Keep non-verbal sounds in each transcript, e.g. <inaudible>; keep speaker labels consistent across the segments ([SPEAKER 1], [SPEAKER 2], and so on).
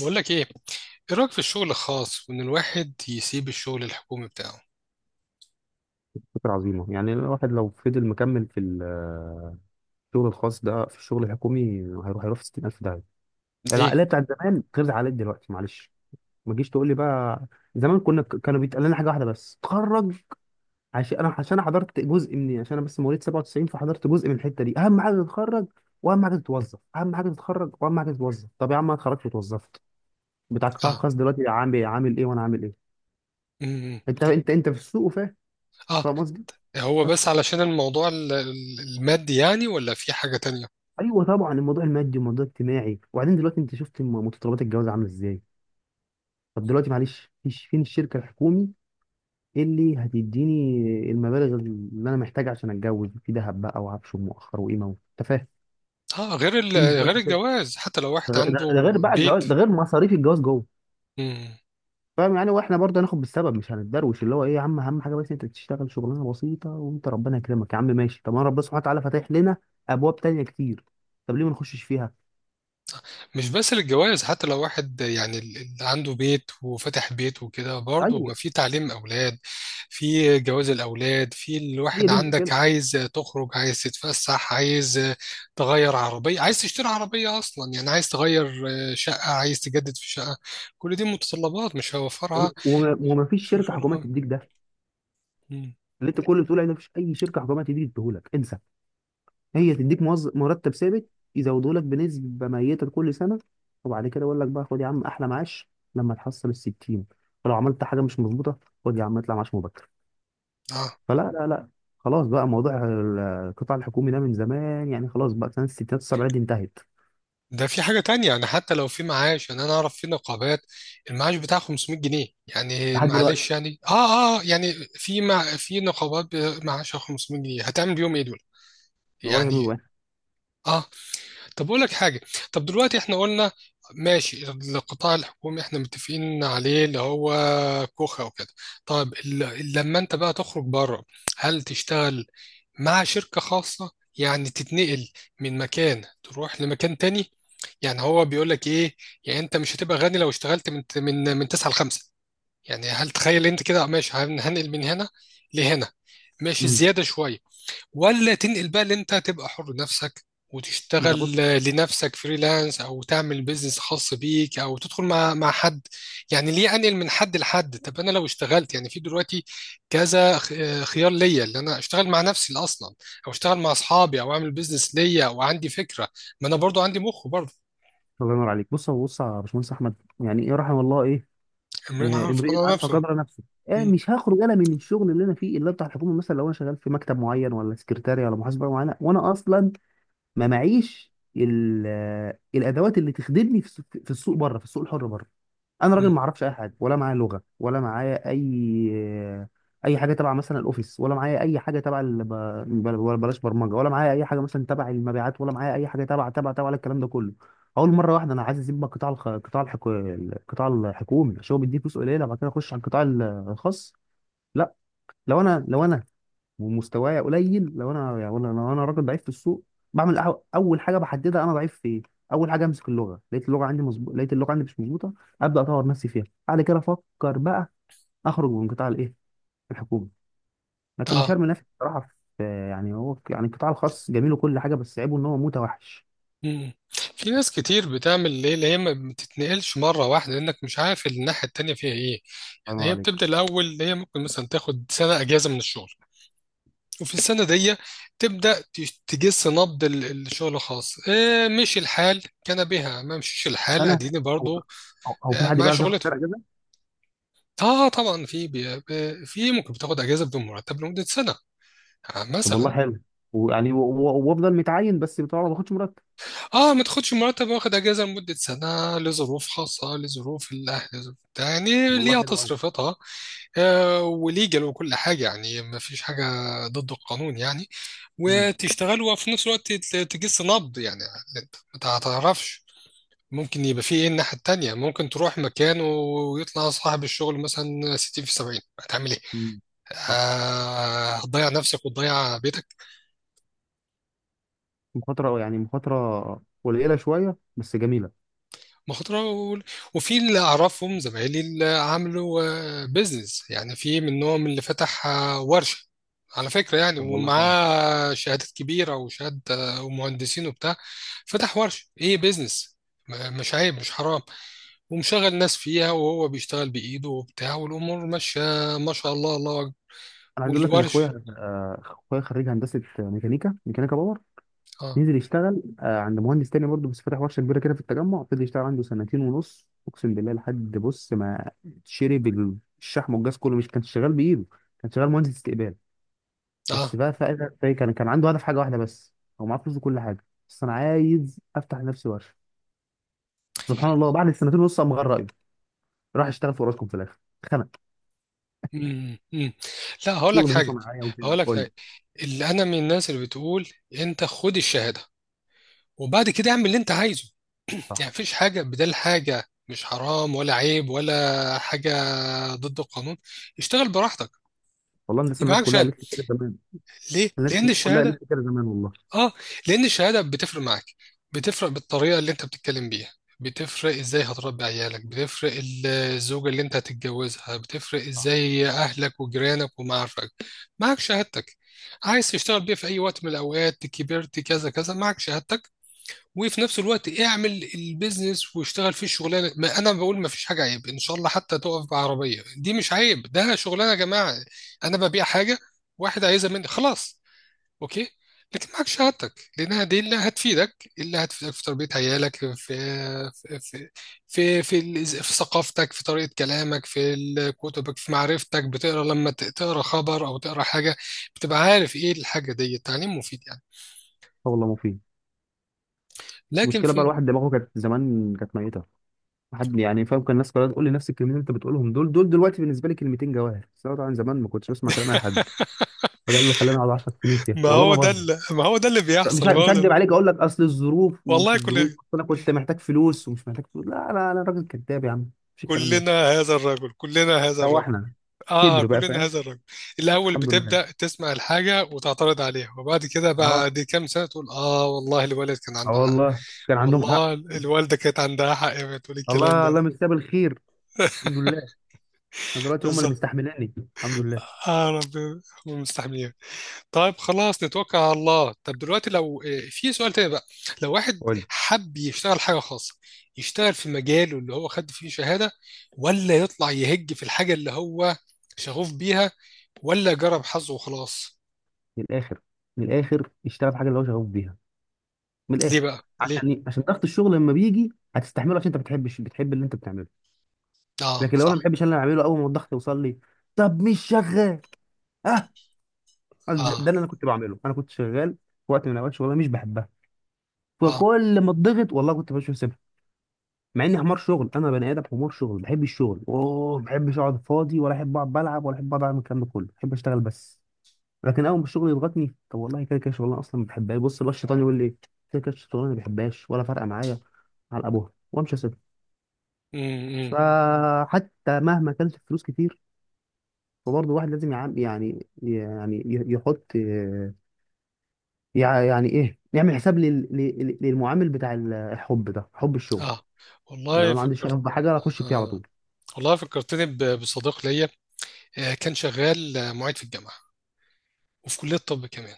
[SPEAKER 1] بقول لك ايه. ايه رايك في الشغل الخاص وان الواحد يسيب الشغل الحكومي بتاعه؟
[SPEAKER 2] فكرة عظيمة. يعني الواحد لو فضل مكمل في الشغل الخاص ده في الشغل الحكومي هيروح في 60000 داهية.
[SPEAKER 1] ليه؟
[SPEAKER 2] العقلية بتاعت زمان غير العقلية دلوقتي، معلش. ما تجيش تقول لي بقى، زمان كنا كانوا بيتقال لنا حاجة واحدة بس، تخرج. عشان انا، عشان أنا حضرت جزء مني، عشان انا بس مواليد 97، فحضرت جزء من الحتة دي. اهم حاجة تتخرج واهم حاجة تتوظف، اهم حاجة تتخرج واهم حاجة تتوظف. طب يا عم انا اتخرجت واتوظفت، بتاع القطاع
[SPEAKER 1] اه.
[SPEAKER 2] الخاص دلوقتي عامل إيه؟ عامل ايه وانا عامل ايه؟
[SPEAKER 1] إمم.
[SPEAKER 2] انت في السوق وفاهم،
[SPEAKER 1] اه،
[SPEAKER 2] فاهم قصدي.
[SPEAKER 1] هو بس
[SPEAKER 2] بس
[SPEAKER 1] علشان الموضوع المادي يعني ولا في حاجة تانية؟
[SPEAKER 2] ايوه طبعا، الموضوع المادي والموضوع الاجتماعي. وبعدين دلوقتي انت شفت متطلبات الجواز عامله ازاي. طب دلوقتي معلش، فيش فين الشركه الحكومي اللي هتديني المبالغ اللي انا محتاج عشان اتجوز، في دهب بقى وعفش ومؤخر وقيمه انت فاهم.
[SPEAKER 1] اه، غير
[SPEAKER 2] فين
[SPEAKER 1] غير
[SPEAKER 2] دلوقتي شركه؟
[SPEAKER 1] الجواز حتى لو
[SPEAKER 2] ده
[SPEAKER 1] واحد
[SPEAKER 2] ده
[SPEAKER 1] عنده
[SPEAKER 2] غير بقى الجواز،
[SPEAKER 1] بيت.
[SPEAKER 2] ده غير مصاريف الجواز جوه.
[SPEAKER 1] إمم.
[SPEAKER 2] فاهم يعني. واحنا برضه هناخد بالسبب، مش هنتدروش اللي هو ايه يا عم، اهم حاجه بس انت تشتغل شغلانه بسيطه وانت ربنا يكرمك يا عم، ماشي. طب ما ربنا سبحانه وتعالى فاتح لنا ابواب تانيه كتير، طب ليه ما نخشش فيها؟
[SPEAKER 1] مش بس للجواز، حتى لو واحد يعني اللي عنده بيت وفتح بيت وكده، برضه ما
[SPEAKER 2] ايوه،
[SPEAKER 1] في تعليم أولاد، في جواز الأولاد، في
[SPEAKER 2] هي
[SPEAKER 1] الواحد
[SPEAKER 2] دي
[SPEAKER 1] عندك
[SPEAKER 2] المشكله.
[SPEAKER 1] عايز تخرج، عايز تتفسح، عايز تغير عربية، عايز تشتري عربية أصلا يعني، عايز تغير شقة، عايز تجدد في شقة، كل دي متطلبات مش هيوفرها.
[SPEAKER 2] وما فيش
[SPEAKER 1] شو
[SPEAKER 2] شركه حكوميه
[SPEAKER 1] شغلها؟
[SPEAKER 2] تديك ده.
[SPEAKER 1] مم.
[SPEAKER 2] اللي انت كل اللي بتقول عليه ده، مفيش اي شركه حكوميه تديك، تديهولك، انسى. هي تديك موظف مرتب ثابت، يزودوا لك بنسبه ميته كل سنه، وبعد كده يقول لك بقى خد يا عم احلى معاش لما تحصل ال 60. فلو عملت حاجه مش مظبوطه، خد يا عم اطلع معاش مبكر. فلا لا لا، خلاص بقى. موضوع القطاع الحكومي ده من زمان يعني، خلاص بقى، سنه الستينات والسبعينات دي انتهت
[SPEAKER 1] ده في حاجة تانية يعني، حتى لو في معاش يعني، أنا أعرف في نقابات المعاش بتاعها 500 جنيه يعني،
[SPEAKER 2] لحد دلوقتي،
[SPEAKER 1] معلش يعني يعني في، مع في نقابات معاشها 500 جنيه، هتعمل بيهم إيه دول؟
[SPEAKER 2] ولا جميل
[SPEAKER 1] يعني
[SPEAKER 2] واحد.
[SPEAKER 1] آه. طب أقول لك حاجة. طب دلوقتي إحنا قلنا ماشي، القطاع الحكومي إحنا متفقين عليه اللي هو كوخة وكده. طب لما أنت بقى تخرج بره، هل تشتغل مع شركة خاصة يعني، تتنقل من مكان تروح لمكان تاني؟ يعني هو بيقول لك ايه؟ يعني انت مش هتبقى غني لو اشتغلت من من 9 ل 5 يعني. هل تخيل انت كده ماشي، هنقل من هنا لهنا، ماشي،
[SPEAKER 2] مم.
[SPEAKER 1] زيادة شوية، ولا تنقل بقى اللي انت تبقى حر نفسك
[SPEAKER 2] ما انا بص،
[SPEAKER 1] وتشتغل لنفسك فريلانس، او تعمل بيزنس خاص بيك، او تدخل مع حد؟ يعني ليه انقل من حد لحد؟ طب انا لو اشتغلت يعني، في دلوقتي كذا خيار ليا، اللي انا اشتغل مع نفسي اصلا، او اشتغل مع اصحابي، او اعمل بيزنس ليا، او عندي فكره، ما انا برضو عندي مخ برضو.
[SPEAKER 2] الله ينور عليك. بص هو، بص يا باشمهندس احمد، يعني ايه رحم الله؟ ايه،
[SPEAKER 1] امرين
[SPEAKER 2] آه،
[SPEAKER 1] عارف
[SPEAKER 2] امرئة
[SPEAKER 1] قدر
[SPEAKER 2] عارفة
[SPEAKER 1] نفسه.
[SPEAKER 2] قدر نفسه. آه،
[SPEAKER 1] مم.
[SPEAKER 2] مش هخرج انا من الشغل اللي انا فيه اللي هو بتاع الحكومة مثلا، لو انا شغال في مكتب معين ولا سكرتاري ولا محاسبة معينة، وانا اصلا ما معيش الادوات اللي تخدمني في السوق، في السوق بره، في السوق الحر بره. انا راجل
[SPEAKER 1] مم.
[SPEAKER 2] ما اعرفش اي حاجه، ولا معايا لغه، ولا معايا اي اي حاجه تبع مثلا الاوفيس، ولا معايا اي حاجه تبع ولا بلاش برمجه، ولا معايا اي حاجه مثلا تبع المبيعات، ولا معايا اي حاجه تبع ولا الكلام ده كله. اول مره واحده انا عايز اسيب بقى قطاع الخ... قطاع الحكو... القطاع الحكومي عشان هو بيديه فلوس قليله، بعد كده اخش على القطاع الخاص؟ لا. لو انا ومستوايا قليل، لو انا يعني، لو انا راجل ضعيف في السوق، بعمل اول حاجه بحددها انا ضعيف في ايه. اول حاجه امسك اللغه، لقيت اللغه عندي مظبوط، لقيت اللغه عندي مش مظبوطه، ابدا اطور نفسي فيها. بعد كده افكر بقى اخرج من قطاع الايه، الحكومي. لكن مش
[SPEAKER 1] اه.
[SPEAKER 2] هرمي نفسي بصراحه في، يعني هو يعني القطاع الخاص جميل وكل حاجه، بس عيبه ان هو متوحش.
[SPEAKER 1] مم. في ناس كتير بتعمل ليه، اللي هي ما بتتنقلش مره واحده لانك مش عارف الناحيه التانيه فيها ايه.
[SPEAKER 2] الله ينور
[SPEAKER 1] هي
[SPEAKER 2] عليك.
[SPEAKER 1] بتبدأ الأول، اللي هي ممكن مثلا تاخد سنة أجازة من الشغل، وفي السنة دي تبدأ تجس نبض الشغل الخاص. آه، مشي الحال كان بها، ما مشيش الحال
[SPEAKER 2] انا،
[SPEAKER 1] أديني
[SPEAKER 2] او،
[SPEAKER 1] برضو.
[SPEAKER 2] أو في
[SPEAKER 1] آه،
[SPEAKER 2] حد
[SPEAKER 1] مع
[SPEAKER 2] بيعرف ياخد
[SPEAKER 1] شغلته.
[SPEAKER 2] فرق كده.
[SPEAKER 1] اه طبعا، في في ممكن بتاخد اجازه بدون مرتب لمده سنه. آه
[SPEAKER 2] طب والله
[SPEAKER 1] مثلا.
[SPEAKER 2] حلو. ويعني وافضل متعين بس طبعا ما باخدش مرتب.
[SPEAKER 1] اه، ما تاخدش مرتب، واخد اجازه لمده سنه لظروف خاصه، لظروف الاهل، لظروف بتاع، يعني
[SPEAKER 2] والله
[SPEAKER 1] ليها
[SPEAKER 2] حلو
[SPEAKER 1] تصريفاتها. آه، وليجل وكل حاجة يعني، ما فيش حاجة ضد القانون يعني.
[SPEAKER 2] قوي.
[SPEAKER 1] وتشتغل وفي نفس الوقت تجس نبض يعني. انت ما تعرفش ممكن يبقى في ايه الناحية التانية. ممكن تروح مكان ويطلع صاحب الشغل مثلا 60 في 70، هتعمل ايه؟ آه، هتضيع نفسك وتضيع بيتك.
[SPEAKER 2] مخاطرة يعني، مخاطرة قليلة شوية بس جميلة.
[SPEAKER 1] مخاطرة وفي اللي أعرفهم زمايلي اللي عملوا بيزنس يعني، في منهم اللي فتح آه، ورشة، على فكرة يعني،
[SPEAKER 2] طب والله كويس.
[SPEAKER 1] ومعاه شهادات كبيرة وشهادة آه، ومهندسين وبتاع. فتح ورشة، إيه، بيزنس، مش عيب، مش حرام. ومشغل ناس فيها وهو بيشتغل بإيده وبتاع، والأمور ماشية، ما شاء الله، الله أكبر.
[SPEAKER 2] أنا عايز أقول لك إن
[SPEAKER 1] والورش.
[SPEAKER 2] أخويا، آه، أخويا خريج هندسة ميكانيكا، ميكانيكا باور،
[SPEAKER 1] آه.
[SPEAKER 2] نزل يشتغل آه، عند مهندس تاني برضه بس فاتح ورشة كبيرة كده في التجمع. فضل يشتغل عنده سنتين ونص، أقسم بالله لحد بص ما شرب الشحم والجاز كله. مش كان شغال بإيده، كان شغال مهندس استقبال، بس
[SPEAKER 1] آه.
[SPEAKER 2] بقى فاهم. كان عنده هدف حاجة واحدة بس، هو معاه فلوس وكل حاجة بس أنا عايز أفتح لنفسي ورشة. سبحان الله، بعد السنتين ونص قام غير رأيه، راح اشتغل في أوراسكوم في الآخر،
[SPEAKER 1] مم. مم. لا، هقول لك
[SPEAKER 2] شغل فيه
[SPEAKER 1] حاجة.
[SPEAKER 2] صناعيه وكده.
[SPEAKER 1] هقول لك
[SPEAKER 2] قول لي.
[SPEAKER 1] حاجة، اللي أنا من الناس اللي بتقول أنت خد الشهادة، وبعد كده اعمل اللي انت عايزه،
[SPEAKER 2] صح.
[SPEAKER 1] يعني مفيش حاجة بدل حاجة، مش حرام ولا عيب ولا حاجة ضد القانون. اشتغل براحتك،
[SPEAKER 2] والله الناس
[SPEAKER 1] يبقى
[SPEAKER 2] الناس
[SPEAKER 1] معاك
[SPEAKER 2] كلها
[SPEAKER 1] شهادة.
[SPEAKER 2] قالت لي كده زمان،
[SPEAKER 1] ليه؟
[SPEAKER 2] الناس
[SPEAKER 1] لأن
[SPEAKER 2] الناس كلها
[SPEAKER 1] الشهادة.
[SPEAKER 2] قالت لي كده زمان والله.
[SPEAKER 1] اه. لأن الشهادة بتفرق معاك، بتفرق بالطريقة اللي انت بتتكلم بيها، بتفرق ازاي هتربي عيالك، بتفرق الزوجة اللي انت هتتجوزها، بتفرق
[SPEAKER 2] صح.
[SPEAKER 1] ازاي اهلك وجيرانك ومعارفك. معاك شهادتك، عايز تشتغل بيها في اي وقت من الاوقات، كبرت كذا كذا معك شهادتك. وفي نفس الوقت اعمل البيزنس واشتغل فيه الشغلانه. ما انا بقول ما فيش حاجه عيب ان شاء الله، حتى تقف بعربيه دي مش عيب، ده شغلانه يا جماعه. انا ببيع حاجه، واحد عايزها مني، خلاص، اوكي. لكن معاك شهادتك، لانها دي اللي هتفيدك، اللي هتفيدك في تربيه عيالك، في في في ثقافتك، في طريقه كلامك، في كتبك، في معرفتك بتقرا. لما تقرا خبر او تقرا حاجه، بتبقى عارف ايه الحاجه دي. التعليم مفيد يعني.
[SPEAKER 2] آه والله مفيد. بس
[SPEAKER 1] لكن
[SPEAKER 2] المشكله بقى
[SPEAKER 1] في.
[SPEAKER 2] الواحد دماغه كانت زمان، كانت ميته. واحد يعني فاهم، كان الناس كلها تقول لي نفس الكلمتين اللي انت بتقولهم، دول دلوقتي بالنسبه لي كلمتين جواهر، بس انا طبعا زمان ما كنتش بسمع كلام اي حد. فده اللي خلاني اقعد 10 سنين فيها،
[SPEAKER 1] ما
[SPEAKER 2] والله
[SPEAKER 1] هو
[SPEAKER 2] ما
[SPEAKER 1] ده
[SPEAKER 2] بهزر.
[SPEAKER 1] اللي ما هو ده اللي بيحصل ما
[SPEAKER 2] مش
[SPEAKER 1] هو ده
[SPEAKER 2] هكدب
[SPEAKER 1] اللي...
[SPEAKER 2] عليك، اقول لك اصل الظروف، ومش
[SPEAKER 1] والله
[SPEAKER 2] الظروف،
[SPEAKER 1] كلنا،
[SPEAKER 2] اصل انا كنت محتاج فلوس، ومش محتاج فلوس، لا انا راجل كذاب يا عم، مش الكلام
[SPEAKER 1] كلنا
[SPEAKER 2] ده.
[SPEAKER 1] هذا الرجل، كلنا هذا الرجل.
[SPEAKER 2] سواحنا،
[SPEAKER 1] اه،
[SPEAKER 2] كبر بقى
[SPEAKER 1] كلنا
[SPEAKER 2] فاهم.
[SPEAKER 1] هذا الرجل. الاول
[SPEAKER 2] الحمد لله.
[SPEAKER 1] بتبدا تسمع الحاجه وتعترض عليها، وبعد كده
[SPEAKER 2] اه.
[SPEAKER 1] بعد كام سنه تقول اه والله الوالد كان
[SPEAKER 2] اه
[SPEAKER 1] عنده حق.
[SPEAKER 2] والله كان عندهم حق.
[SPEAKER 1] والله الوالده كانت عندها حق وهي بتقول الكلام
[SPEAKER 2] الله الله،
[SPEAKER 1] ده.
[SPEAKER 2] مستقبل الخير. الحمد
[SPEAKER 1] <laughs>
[SPEAKER 2] لله. انا دلوقتي هم اللي
[SPEAKER 1] بالظبط.
[SPEAKER 2] مستحملاني، الحمد لله.
[SPEAKER 1] اه ربنا، هم مستحميين. طيب خلاص، نتوكل على الله. طب دلوقتي لو آه، في سؤال تاني بقى، لو واحد
[SPEAKER 2] قول لي.
[SPEAKER 1] حب يشتغل حاجة خاصة، يشتغل في مجاله اللي هو خد فيه شهادة، ولا يطلع يهج في الحاجة اللي هو شغوف بيها، ولا جرب حظه وخلاص؟
[SPEAKER 2] من الاخر، من الاخر اشتغل في حاجه اللي هو شغوف بيها، من
[SPEAKER 1] ليه
[SPEAKER 2] الاخر.
[SPEAKER 1] بقى، ليه؟
[SPEAKER 2] عشان ايه؟ عشان ضغط الشغل لما بيجي هتستحمله، عشان انت بتحبش، بتحب اللي انت بتعمله.
[SPEAKER 1] اه
[SPEAKER 2] لكن لو انا ما
[SPEAKER 1] صح.
[SPEAKER 2] بحبش اللي انا بعمله، اول ما الضغط يوصل لي، طب مش شغال. اه، ده
[SPEAKER 1] اه.
[SPEAKER 2] اللي انا كنت بعمله. انا كنت شغال في وقت من اوقات شغلانه مش بحبها،
[SPEAKER 1] اه.
[SPEAKER 2] فكل ما اتضغط والله كنت بشوف سبب. مع اني حمار شغل، انا بني ادم حمار شغل، بحب الشغل، اوه، ما بحبش اقعد فاضي، ولا احب اقعد بلعب، ولا احب اقعد اعمل الكلام ده كله، بحب اشتغل بس. لكن اول ما الشغل يضغطني، طب والله كده كده شغلانه اصلا ما بحبهاش، بص بقى الشيطان يقول لي إيه؟ كده كده الشغلانه ما بحبهاش ولا فارقه معايا، على ابوها وامشي اسيبها.
[SPEAKER 1] امم.
[SPEAKER 2] فحتى مهما كانت الفلوس كتير، فبرضه الواحد لازم يحط آه، يعني ايه، يعمل حساب للمعامل بتاع الحب ده، حب الشغل.
[SPEAKER 1] اه
[SPEAKER 2] يعني انا
[SPEAKER 1] والله
[SPEAKER 2] لو عندي
[SPEAKER 1] فكرت.
[SPEAKER 2] شغف بحاجه اخش فيها على
[SPEAKER 1] آه.
[SPEAKER 2] طول.
[SPEAKER 1] والله فكرتني بصديق ليا، آه، كان شغال آه، معيد في الجامعة، وفي كلية طب كمان،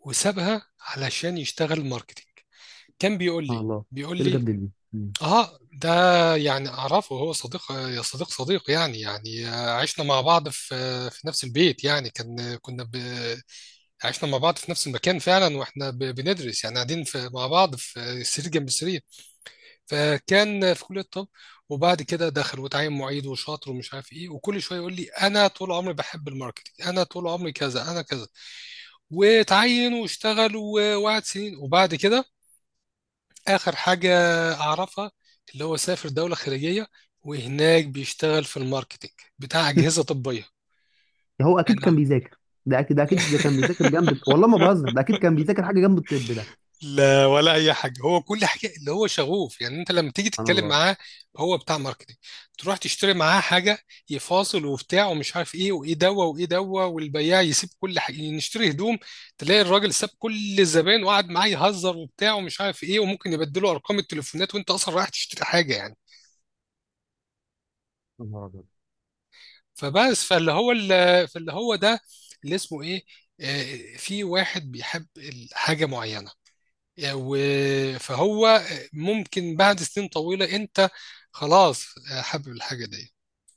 [SPEAKER 1] وسابها علشان يشتغل ماركتينج. كان بيقول
[SPEAKER 2] سبحان
[SPEAKER 1] لي
[SPEAKER 2] الله،
[SPEAKER 1] بيقول
[SPEAKER 2] ايه اللي
[SPEAKER 1] لي.
[SPEAKER 2] جاب دي؟ مم.
[SPEAKER 1] اه ده يعني اعرفه، هو صديق، يا صديق صديق يعني يعني آه، عشنا مع بعض في في نفس البيت يعني، كان عشنا مع بعض في نفس المكان فعلا، واحنا بندرس يعني، قاعدين في... مع بعض في سرير جنب سرير. فكان في كلية الطب، وبعد كده دخل وتعين معيد وشاطر ومش عارف ايه، وكل شويه يقول لي انا طول عمري بحب الماركتينج، انا طول عمري كذا، انا كذا. وتعين واشتغل وقعد سنين، وبعد كده آخر حاجة أعرفها اللي هو سافر دولة خارجية، وهناك بيشتغل في الماركتينج بتاع أجهزة
[SPEAKER 2] <laughs>
[SPEAKER 1] طبية
[SPEAKER 2] هو
[SPEAKER 1] يعني.
[SPEAKER 2] اكيد كان بيذاكر. ده اكيد ده كان بيذاكر جنب،
[SPEAKER 1] <laughs>
[SPEAKER 2] والله ما بهزر، ده اكيد كان بيذاكر حاجه جنب الطب ده.
[SPEAKER 1] لا ولا أي حاجة، هو كل حاجة اللي هو شغوف. يعني أنت لما تيجي
[SPEAKER 2] سبحان
[SPEAKER 1] تتكلم
[SPEAKER 2] الله.
[SPEAKER 1] معاه، هو بتاع ماركتينج. تروح تشتري معاه حاجة، يفاصل وبتاع ومش عارف إيه، وإيه دوا وإيه دوا، والبياع يسيب كل حاجة. يعني نشتري هدوم، تلاقي الراجل ساب كل الزبائن وقعد معاه يهزر وبتاع ومش عارف إيه، وممكن يبدله أرقام التليفونات، وأنت أصلا رايح تشتري حاجة يعني.
[SPEAKER 2] يا نهار أبيض.
[SPEAKER 1] فبس، فاللي هو ده، اللي اسمه ايه، آه، في واحد بيحب حاجة معينة يعني فهو ممكن بعد سنين طويلة انت خلاص آه، حابب الحاجة دي.